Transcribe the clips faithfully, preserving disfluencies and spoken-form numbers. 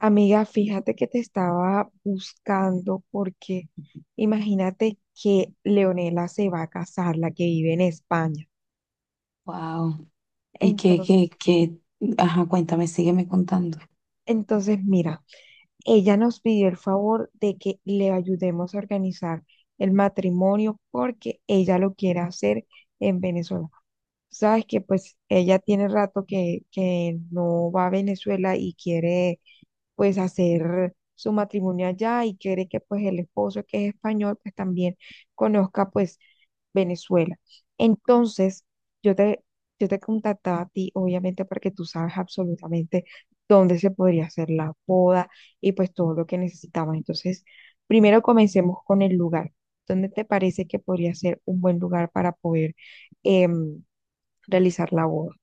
Amiga, fíjate que te estaba buscando porque imagínate que Leonela se va a casar, la que vive en España. Wow. Y que, que, Entonces, que, ajá, cuéntame, sígueme contando. entonces mira, ella nos pidió el favor de que le ayudemos a organizar el matrimonio porque ella lo quiere hacer en Venezuela. Sabes que pues ella tiene rato que, que no va a Venezuela y quiere pues hacer su matrimonio allá y quiere que pues el esposo que es español pues también conozca pues Venezuela. Entonces, yo te, yo te contactaba a ti obviamente porque tú sabes absolutamente dónde se podría hacer la boda y pues todo lo que necesitamos. Entonces, primero comencemos con el lugar. ¿Dónde te parece que podría ser un buen lugar para poder em, realizar la boda?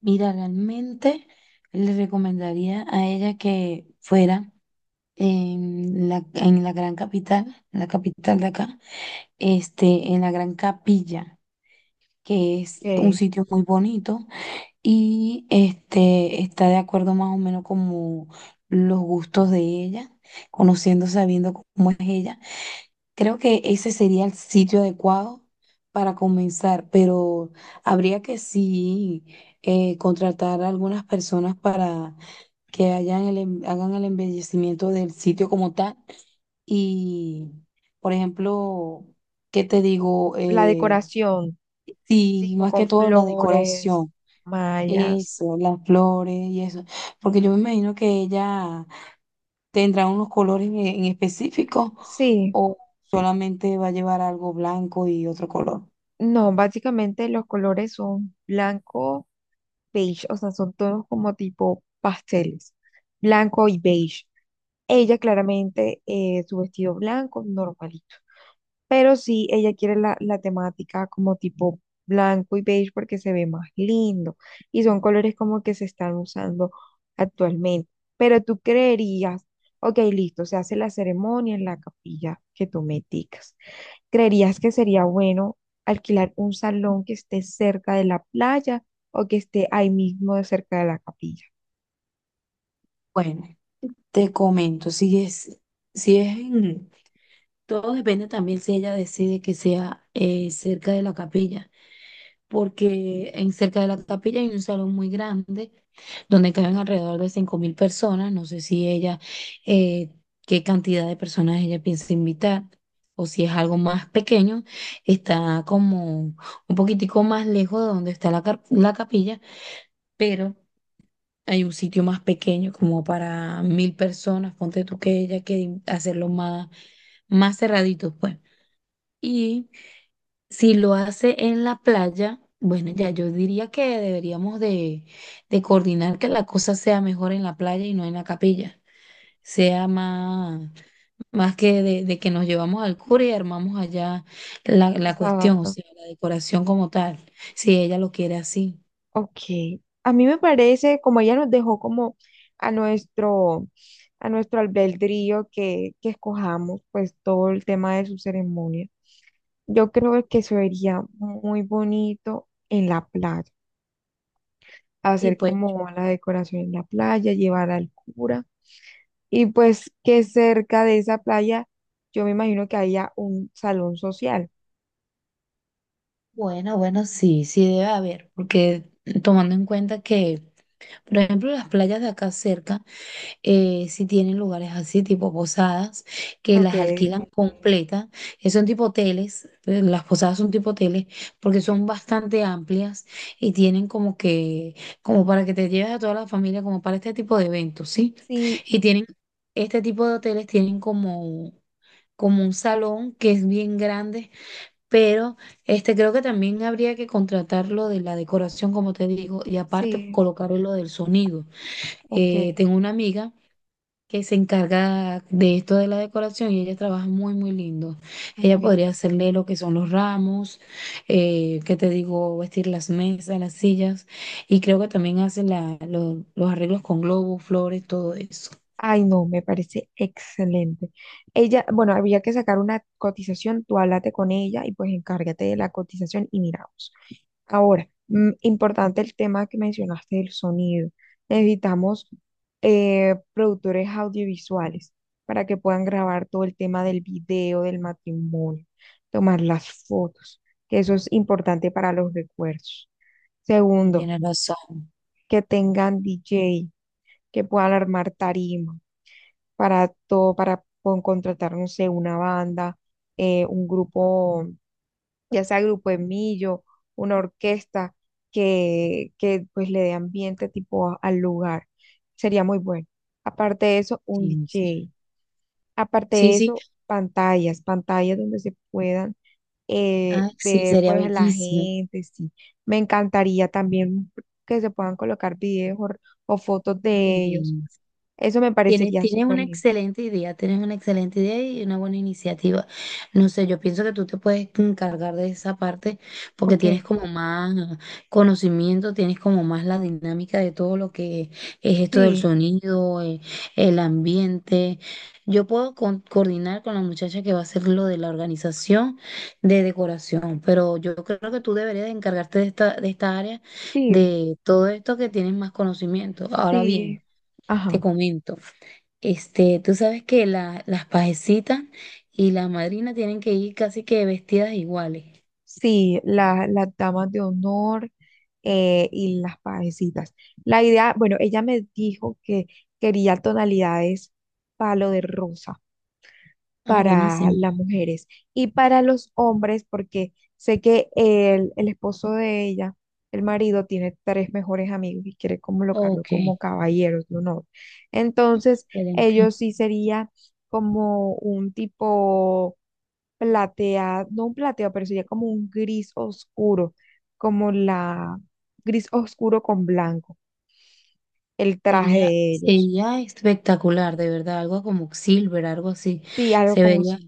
Mira, realmente le recomendaría a ella que fuera en la, en la gran capital, la capital de acá, este, en la Gran Capilla, que es un Que sitio muy bonito y este, está de acuerdo más o menos como los gustos de ella, conociendo, sabiendo cómo es ella. Creo que ese sería el sitio adecuado para comenzar, pero habría que sí eh, contratar a algunas personas para que hayan el em- hagan el embellecimiento del sitio como tal. Y, por ejemplo, ¿qué te digo? la Eh, decoración, Sí, tipo más con que todo la flores, decoración, mallas. eso, las flores y eso, porque yo me imagino que ella. ¿Tendrá unos colores en en específico Sí, o solamente va a llevar algo blanco y otro color? no, básicamente los colores son blanco, beige, o sea, son tonos como tipo pasteles, blanco y beige. Ella claramente, eh, su vestido blanco, normalito. Pero sí, ella quiere la, la temática como tipo blanco y beige porque se ve más lindo y son colores como que se están usando actualmente. Pero tú creerías, ok, listo, se hace la ceremonia en la capilla que tú me indicas. ¿Creerías que sería bueno alquilar un salón que esté cerca de la playa o que esté ahí mismo de cerca de la capilla? Bueno, te comento, si es, si es en- todo depende también si ella decide que sea eh, cerca de la capilla, porque en cerca de la capilla hay un salón muy grande donde caben alrededor de cinco mil personas. No sé si ella, eh, qué cantidad de personas ella piensa invitar o si es algo más pequeño. Está como un poquitico más lejos de donde está la, cap- la capilla, pero hay un sitio más pequeño como para mil personas. Ponte tú que ella quiere hacerlo más, más cerradito, pues. Y si lo hace en la playa, bueno, ya yo diría que deberíamos de, de coordinar que la cosa sea mejor en la playa y no en la capilla. Sea más, más que de, de que nos llevamos al cura y armamos allá la, la cuestión, o Exacto. sea, la decoración como tal, si ella lo quiere así. Ok, a mí me parece, como ella nos dejó como a nuestro, a nuestro albedrío que, que escojamos, pues todo el tema de su ceremonia, yo creo que se vería muy bonito en la playa, Y hacer pues, como la decoración en la playa, llevar al cura, y pues que cerca de esa playa, yo me imagino que haya un salón social. bueno, bueno, sí, sí debe haber, porque tomando en cuenta que, por ejemplo, las playas de acá cerca, eh, si tienen lugares así, tipo posadas, que Ok, ok. las alquilan completas, que son tipo hoteles, eh, las posadas son tipo hoteles, porque son bastante amplias y tienen como que, como para que te lleves a toda la familia, como para este tipo de eventos, ¿sí? Sí, Y tienen, este tipo de hoteles tienen como, como un salón que es bien grande, pero este creo que también habría que contratar lo de la decoración, como te digo, y aparte sí, colocar lo del sonido. ok. Eh, tengo una amiga que se encarga de esto de la decoración y ella trabaja muy, muy lindo. Ella Ay, podría hacerle lo que son los ramos, eh, que te digo, vestir las mesas, las sillas, y creo que también hace la, lo- los arreglos con globos, flores, todo eso. ay, no, me parece excelente. Ella, bueno, había que sacar una cotización, tú háblate con ella y pues encárgate de la cotización y miramos. Ahora, mm, importante el tema que mencionaste del sonido. Necesitamos eh, productores audiovisuales para que puedan grabar todo el tema del video, del matrimonio, tomar las fotos, que eso es importante para los recuerdos. Y Segundo, tiene razón. que tengan D J, que puedan armar tarima para todo, para con- contratar, no sé, una banda, eh, un grupo, ya sea grupo de millo, una orquesta que, que pues le dé ambiente tipo a- al lugar. Sería muy bueno. Aparte de eso, un Sí, sí. D J. Aparte Sí, de sí. eso, pantallas, pantallas donde se puedan eh, Ah, sí, ver sería pues a la bellísimo. gente, sí. Me encantaría también que se puedan colocar videos o, o fotos de ellos. Eso me Tienes, parecería tienes súper una lindo. excelente idea, tienes una excelente idea y una buena iniciativa. No sé, yo pienso que tú te puedes encargar de esa parte porque tienes Ok. como más conocimiento, tienes como más la dinámica de todo lo que es esto del Sí, sonido, eh, el ambiente. Yo puedo con- coordinar con la muchacha que va a hacer lo de la organización de decoración, pero yo creo que tú deberías de encargarte de esta, de esta área, sí, de todo esto que tienes más conocimiento. Ahora sí, bien, ajá, te comento. Este, tú sabes que la- las pajecitas y la madrina tienen que ir casi que vestidas iguales. sí, la- las damas de honor eh, y las pajecitas. La idea, bueno, ella me dijo que quería tonalidades palo de rosa, Ah, para buenísimo. las mujeres y para los hombres, porque sé que el, el esposo de ella, el marido, tiene tres mejores amigos y quiere colocarlo Ok, como caballeros de honor. Entonces, excelente. ellos sí sería como un tipo plateado, no un plateado, pero sería como un gris oscuro, como la gris oscuro con blanco, el traje Sería, de ellos. sería espectacular, de verdad, algo como silver, algo así. Sí, algo Se como vería, si.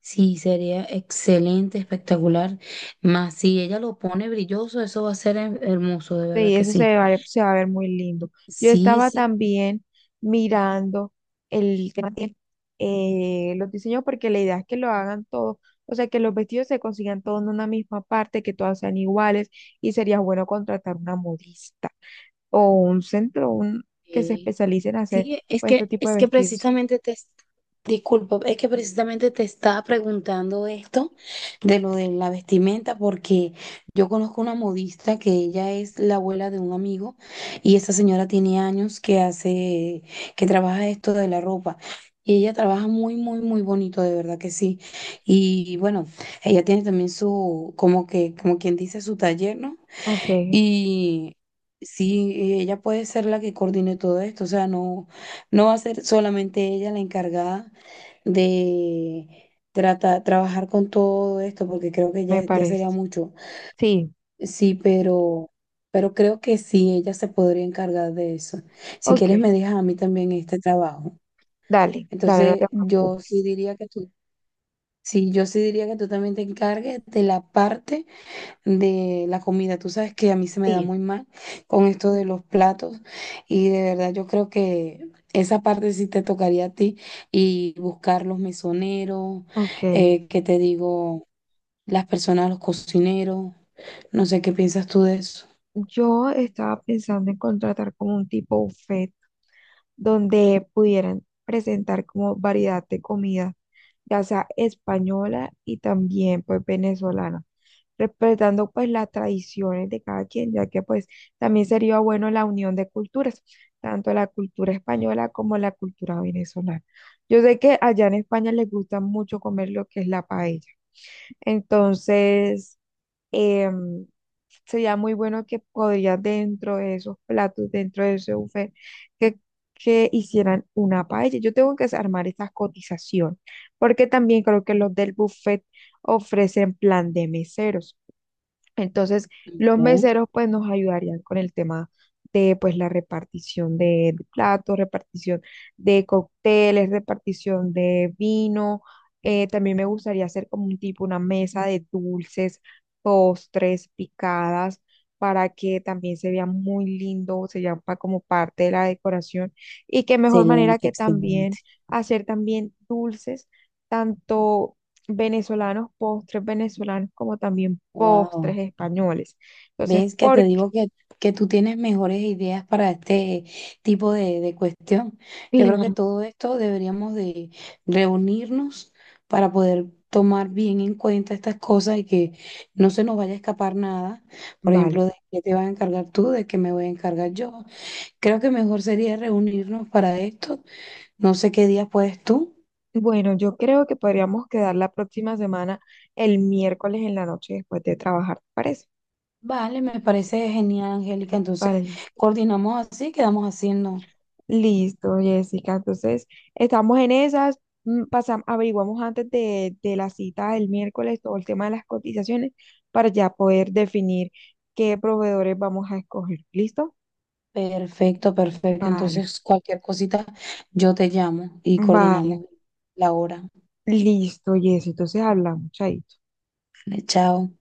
sí, sería excelente, espectacular. Más si ella lo pone brilloso, eso va a ser her- hermoso, de verdad Sí, que eso sí. se va, a- se va a ver muy lindo. Yo Sí, estaba sí. también mirando el tema de eh, los diseños porque la idea es que lo hagan todos, o sea, que los vestidos se consigan todos en una misma parte, que todas sean iguales y sería bueno contratar una modista o un centro un, que se eh, especialice en hacer Sí, es pues, que, este tipo de es que vestidos. precisamente te, disculpa, es que precisamente te estaba preguntando esto de lo de la vestimenta, porque yo conozco una modista que ella es la abuela de un amigo y esa señora tiene años que hace, que trabaja esto de la ropa. Y ella trabaja muy, muy, muy bonito, de verdad que sí. Y bueno, ella tiene también su, como que, como quien dice, su taller, ¿no? Ok, Y sí, ella puede ser la que coordine todo esto, o sea, no, no va a ser solamente ella la encargada de trata- trabajar con todo esto, porque creo que me ya, ya sería parece. mucho. Sí, Sí, pero, pero creo que sí, ella se podría encargar de eso. Si ok, quieres, me dejas a mí también este trabajo. dale, dale, no te Entonces, yo sí preocupes. diría que tú, sí, yo sí diría que tú también te encargues de la parte de la comida. Tú sabes que a mí se me da Sí, muy mal con esto de los platos y de verdad yo creo que esa parte sí te tocaría a ti y buscar los mesoneros, ok. eh, que te digo, las personas, los cocineros, no sé qué piensas tú de eso. Yo estaba pensando en contratar como un tipo buffet donde pudieran presentar como variedad de comida, ya sea española y también pues venezolana, respetando pues las tradiciones de cada quien, ya que pues también sería bueno la unión de culturas, tanto la cultura española como la cultura venezolana. Yo sé que allá en España les gusta mucho comer lo que es la paella, entonces em, sería muy bueno que podrías dentro de esos platos, dentro de ese buffet, que, que hicieran una paella. Yo tengo que armar esa cotización, porque también creo que los del buffet ofrecen plan de meseros. Entonces, los Ok. meseros pues nos ayudarían con el tema de pues la repartición de, de platos, repartición de cócteles, repartición de vino. Eh, también me gustaría hacer como un tipo, una mesa de dulces, postres, picadas, para que también se vea muy lindo, se vea pa- como parte de la decoración. Y qué mejor manera Excelente, que excelente. también hacer también dulces, tanto venezolanos, postres venezolanos, como también Wow. postres españoles. Entonces, ¿Ves que te ¿por qué? digo que, que tú tienes mejores ideas para este tipo de, de cuestión? Yo creo que Claro. todo esto deberíamos de reunirnos para poder tomar bien en cuenta estas cosas y que no se nos vaya a escapar nada. Por Vale. ejemplo, de qué te vas a encargar tú, de qué me voy a encargar yo. Creo que mejor sería reunirnos para esto. No sé qué día puedes tú. Bueno, yo creo que podríamos quedar la próxima semana el miércoles en la noche después de trabajar, ¿te parece? Vale, me parece genial, Angélica. Vale, Entonces, listo. coordinamos así, quedamos haciendo. Listo, Jessica. Entonces, estamos en esas. Pasamos, averiguamos antes de, de la cita del miércoles todo el tema de las cotizaciones para ya poder definir qué proveedores vamos a escoger. ¿Listo? Perfecto, perfecto. Vale, Entonces, cualquier cosita, yo te llamo y vale. coordinamos la hora. Listo, Jessy, entonces hablamos, chaito. Vale, chao.